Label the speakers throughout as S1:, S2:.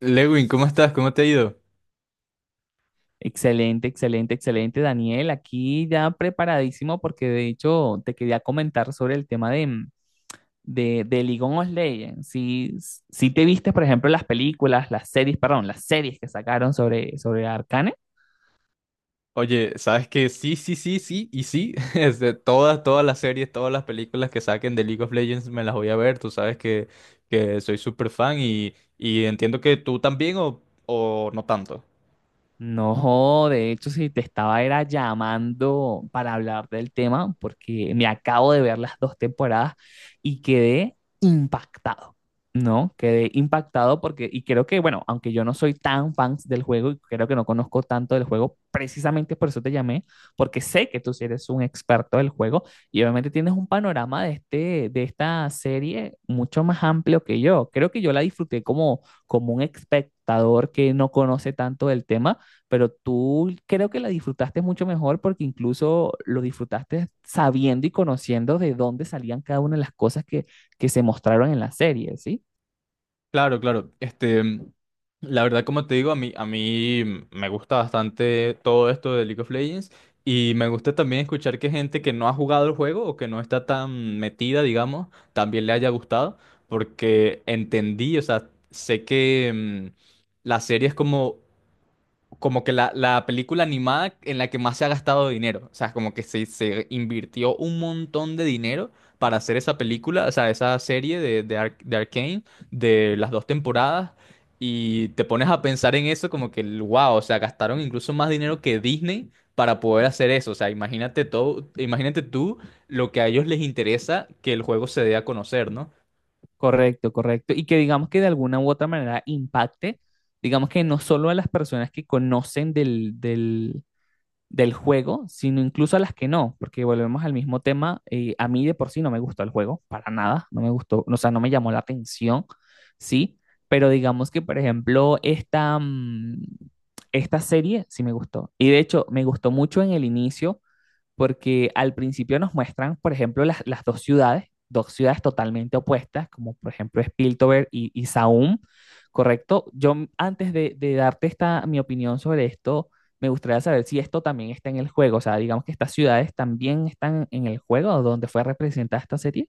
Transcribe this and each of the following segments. S1: Lewin, ¿cómo estás? ¿Cómo te ha ido?
S2: Excelente, excelente, excelente, Daniel. Aquí ya preparadísimo porque de hecho te quería comentar sobre el tema de League of Legends. Si, si te viste, por ejemplo, las películas, las series que sacaron sobre, sobre Arcane.
S1: Oye, sabes que sí, sí, sí, sí y sí. Todas las series, todas las películas que saquen de League of Legends me las voy a ver. Tú sabes que soy súper fan y entiendo que tú también o no tanto.
S2: No, de hecho, si te estaba era llamando para hablar del tema, porque me acabo de ver las dos temporadas y quedé impactado, ¿no? Quedé impactado porque, y creo que, bueno, aunque yo no soy tan fan del juego y creo que no conozco tanto del juego, precisamente por eso te llamé, porque sé que tú sí eres un experto del juego y obviamente tienes un panorama de este, de esta serie mucho más amplio que yo. Creo que yo la disfruté como, como un espectador que no conoce tanto del tema, pero tú creo que la disfrutaste mucho mejor porque incluso lo disfrutaste sabiendo y conociendo de dónde salían cada una de las cosas que se mostraron en la serie, ¿sí?
S1: Claro, claro. La verdad, como te digo, a mí me gusta bastante todo esto de League of Legends y me gusta también escuchar que gente que no ha jugado el juego o que no está tan metida, digamos, también le haya gustado, porque entendí, o sea, sé que la serie es como que la película animada en la que más se ha gastado dinero. O sea, como que se invirtió un montón de dinero para hacer esa película, o sea, esa serie de Arcane, de las dos temporadas. Y te pones a pensar en eso como que, wow, o sea, gastaron incluso más dinero que Disney para poder hacer eso. O sea, imagínate todo, imagínate tú lo que a ellos les interesa que el juego se dé a conocer, ¿no?
S2: Correcto, correcto. Y que digamos que de alguna u otra manera impacte, digamos que no solo a las personas que conocen del juego, sino incluso a las que no, porque volvemos al mismo tema, a mí de por sí no me gustó el juego, para nada, no me gustó, o sea, no me llamó la atención, ¿sí? Pero digamos que, por ejemplo, esta serie sí me gustó. Y de hecho, me gustó mucho en el inicio porque al principio nos muestran, por ejemplo, las dos ciudades totalmente opuestas, como por ejemplo Spiltover y Saum, ¿correcto? Yo antes de darte esta, mi opinión sobre esto, me gustaría saber si esto también está en el juego, o sea, digamos que estas ciudades también están en el juego donde fue representada esta serie,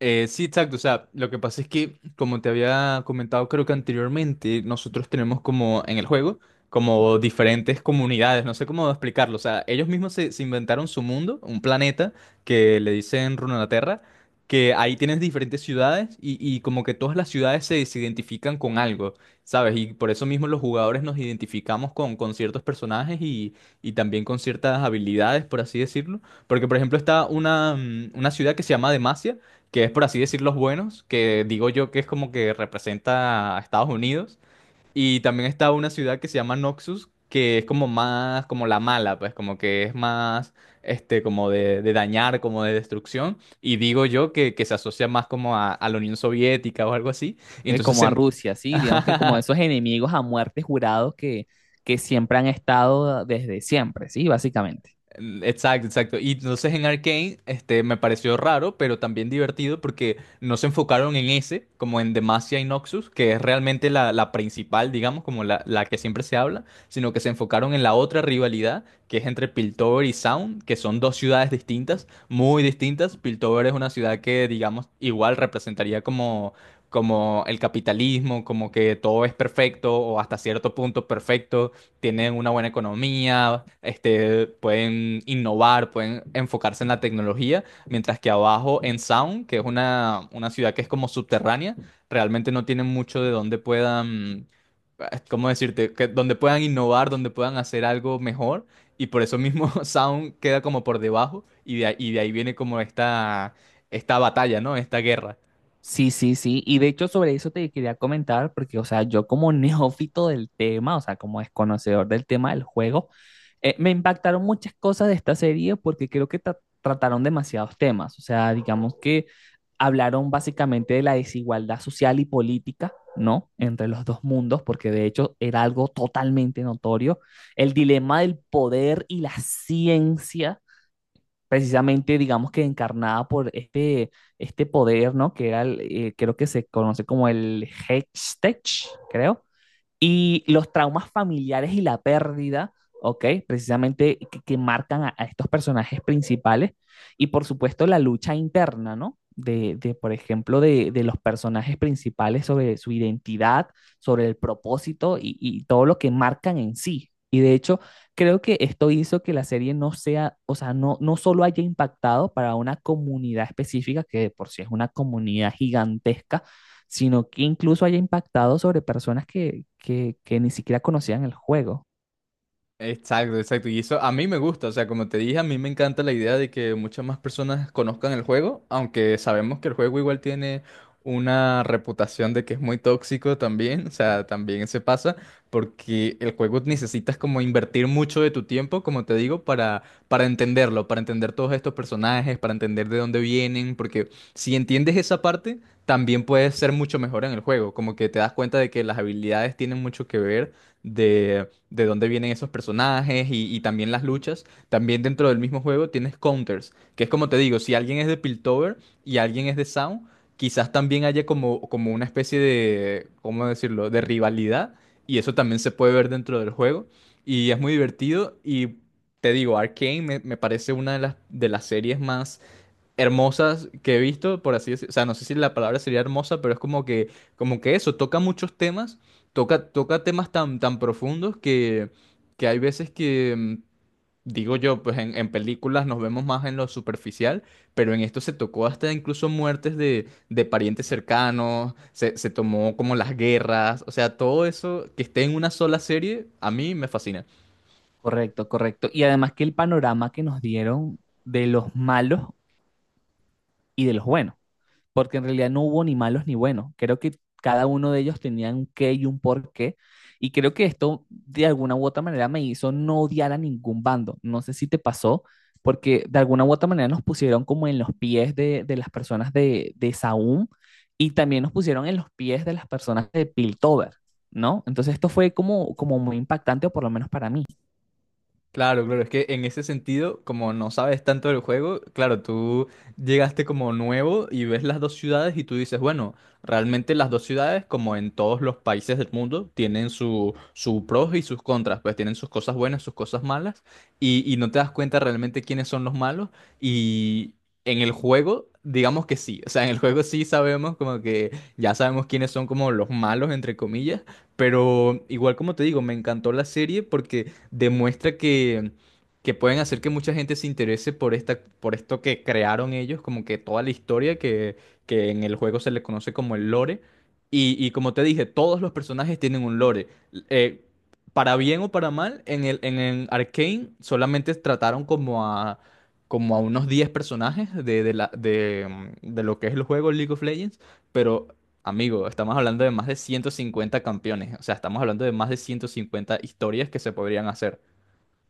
S1: Sí, exacto. O sea, lo que pasa es que, como te había comentado, creo que anteriormente, nosotros tenemos como en el juego, como diferentes comunidades, no sé cómo explicarlo. O sea, ellos mismos se inventaron su mundo, un planeta que le dicen Runeterra, que ahí tienes diferentes ciudades y como que todas las ciudades se identifican con algo, ¿sabes? Y por eso mismo los jugadores nos identificamos con ciertos personajes y también con ciertas habilidades, por así decirlo. Porque, por ejemplo, está una ciudad que se llama Demacia, que es por así decir los buenos, que digo yo que es como que representa a Estados Unidos. Y también está una ciudad que se llama Noxus, que es como más, como la mala, pues como que es más, como de dañar, como de destrucción. Y digo yo que se asocia más como a la Unión Soviética o algo así. Y entonces
S2: como a
S1: se.
S2: Rusia, ¿sí? Digamos que como esos enemigos a muerte jurados que siempre han estado desde siempre, ¿sí? Básicamente.
S1: Mm, exacto, exacto. Y entonces en Arcane, me pareció raro, pero también divertido porque no se enfocaron en ese, como en Demacia y Noxus, que es realmente la principal, digamos, como la que siempre se habla, sino que se enfocaron en la otra rivalidad, que es entre Piltover y Sound, que son dos ciudades distintas, muy distintas. Piltover es una ciudad que, digamos, igual representaría como el capitalismo, como que todo es perfecto o hasta cierto punto perfecto. Tienen una buena economía, pueden innovar, pueden enfocarse en la tecnología, mientras que abajo en Sound, que es una ciudad que es como subterránea, realmente no tienen mucho de donde puedan, ¿cómo decirte?, que, donde puedan innovar, donde puedan hacer algo mejor, y por eso mismo Sound queda como por debajo, y de ahí viene como esta batalla, ¿no? Esta guerra.
S2: Sí, sí, sí. Y de hecho sobre eso te quería comentar, porque, o sea, yo como neófito del tema, o sea, como desconocedor del tema del juego, me impactaron muchas cosas de esta serie porque creo que trataron demasiados temas. O sea, digamos que hablaron básicamente de la desigualdad social y política, ¿no? Entre los dos mundos, porque de hecho era algo totalmente notorio. El dilema del poder y la ciencia precisamente, digamos que encarnada por este, este poder, ¿no? Que era, creo que se conoce como el Hextech, creo, y los traumas familiares y la pérdida, ¿ok? Precisamente que marcan a, estos personajes principales. Y por supuesto la lucha interna, ¿no? De por ejemplo, los personajes principales sobre su identidad, sobre el propósito y todo lo que marcan en sí, y de hecho, creo que esto hizo que la serie no sea, o sea, no solo haya impactado para una comunidad específica, que de por sí es una comunidad gigantesca, sino que incluso haya impactado sobre personas que ni siquiera conocían el juego.
S1: Exacto, exacto. Y eso a mí me gusta, o sea, como te dije, a mí me encanta la idea de que muchas más personas conozcan el juego, aunque sabemos que el juego igual tiene una reputación de que es muy tóxico también, o sea, también se pasa, porque el juego necesitas como invertir mucho de tu tiempo, como te digo, para entenderlo, para entender todos estos personajes, para entender de dónde vienen, porque si entiendes esa parte, también puedes ser mucho mejor en el juego, como que te das cuenta de que las habilidades tienen mucho que ver de dónde vienen esos personajes y también las luchas. También dentro del mismo juego tienes counters, que es como te digo, si alguien es de Piltover y alguien es de Sound, quizás también haya como una especie de, ¿cómo decirlo?, de rivalidad y eso también se puede ver dentro del juego y es muy divertido y te digo, Arcane me parece una de las series más hermosas que he visto, por así decirlo. O sea, no sé si la palabra sería hermosa, pero es como que eso, toca muchos temas, toca temas tan, tan profundos que hay veces que, digo yo, pues en películas nos vemos más en lo superficial, pero en esto se tocó hasta incluso muertes de parientes cercanos, se tomó como las guerras, o sea, todo eso que esté en una sola serie, a mí me fascina.
S2: Correcto, correcto. Y además que el panorama que nos dieron de los malos y de los buenos, porque en realidad no hubo ni malos ni buenos. Creo que cada uno de ellos tenía un qué y un por qué. Y creo que esto de alguna u otra manera me hizo no odiar a ningún bando. No sé si te pasó, porque de alguna u otra manera nos pusieron como en los pies de las personas de Saúm y también nos pusieron en los pies de las personas de Piltover, ¿no? Entonces esto fue como, como muy impactante, o por lo menos para mí.
S1: Claro, claro, es que en ese sentido, como no sabes tanto del juego, claro, tú llegaste como nuevo y ves las dos ciudades y tú dices, bueno, realmente las dos ciudades, como en todos los países del mundo, tienen su pros y sus contras, pues tienen sus cosas buenas, sus cosas malas, y no te das cuenta realmente quiénes son los malos. Y en el juego, digamos que sí, o sea, en el juego sí sabemos como que ya sabemos quiénes son como los malos, entre comillas, pero igual como te digo, me encantó la serie porque demuestra que pueden hacer que mucha gente se interese por esta, por esto que crearon ellos, como que toda la historia que en el juego se le conoce como el lore. Y como te dije, todos los personajes tienen un lore. Eh, para bien o para mal, en el Arcane solamente trataron como a unos 10 personajes de la, de, mm, de lo que es el juego League of Legends, pero, amigo, estamos hablando de más de 150 campeones, o sea, estamos hablando de más de 150 historias que se podrían hacer.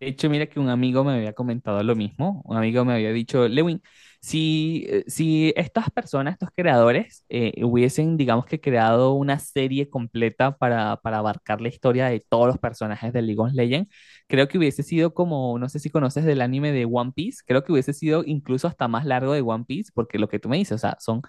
S2: De hecho, mira que un amigo me había comentado lo mismo. Un amigo me había dicho, Lewin, si estas personas, estos creadores, hubiesen, digamos que, creado una serie completa para abarcar la historia de todos los personajes de League of Legends, creo que hubiese sido como, no sé si conoces del anime de One Piece, creo que hubiese sido incluso hasta más largo de One Piece, porque lo que tú me dices, o sea, son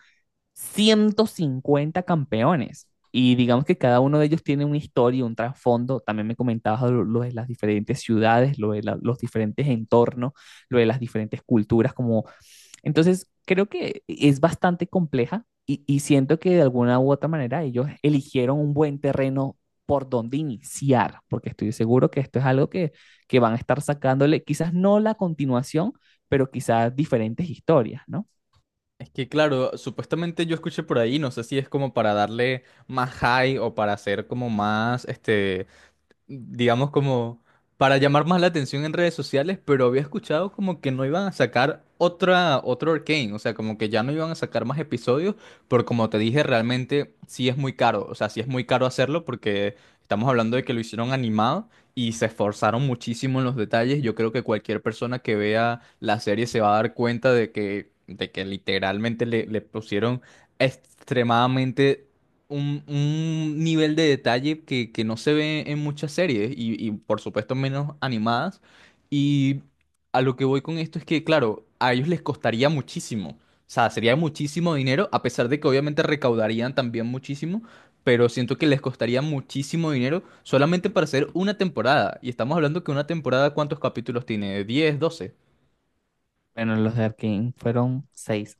S2: 150 campeones. Y digamos que cada uno de ellos tiene una historia, un trasfondo. También me comentabas lo de las diferentes ciudades, lo de los diferentes entornos, lo de las diferentes culturas. Como... Entonces, creo que es bastante compleja y siento que de alguna u otra manera ellos eligieron un buen terreno por donde iniciar, porque estoy seguro que esto es algo que van a estar sacándole, quizás no la continuación, pero quizás diferentes historias, ¿no?
S1: Es que claro, supuestamente yo escuché por ahí, no sé si es como para darle más high o para hacer como más, digamos, como para llamar más la atención en redes sociales, pero había escuchado como que no iban a sacar otra, otro Arcane, o sea, como que ya no iban a sacar más episodios, pero como te dije, realmente sí es muy caro, o sea, sí es muy caro hacerlo porque estamos hablando de que lo hicieron animado y se esforzaron muchísimo en los detalles. Yo creo que cualquier persona que vea la serie se va a dar cuenta de que literalmente le pusieron extremadamente un nivel de detalle que no se ve en muchas series y por supuesto menos animadas. Y a lo que voy con esto es que, claro, a ellos les costaría muchísimo. O sea, sería muchísimo dinero, a pesar de que obviamente recaudarían también muchísimo, pero siento que les costaría muchísimo dinero solamente para hacer una temporada. Y estamos hablando que una temporada, ¿cuántos capítulos tiene? 10, 12
S2: Bueno, los de Arkane fueron seis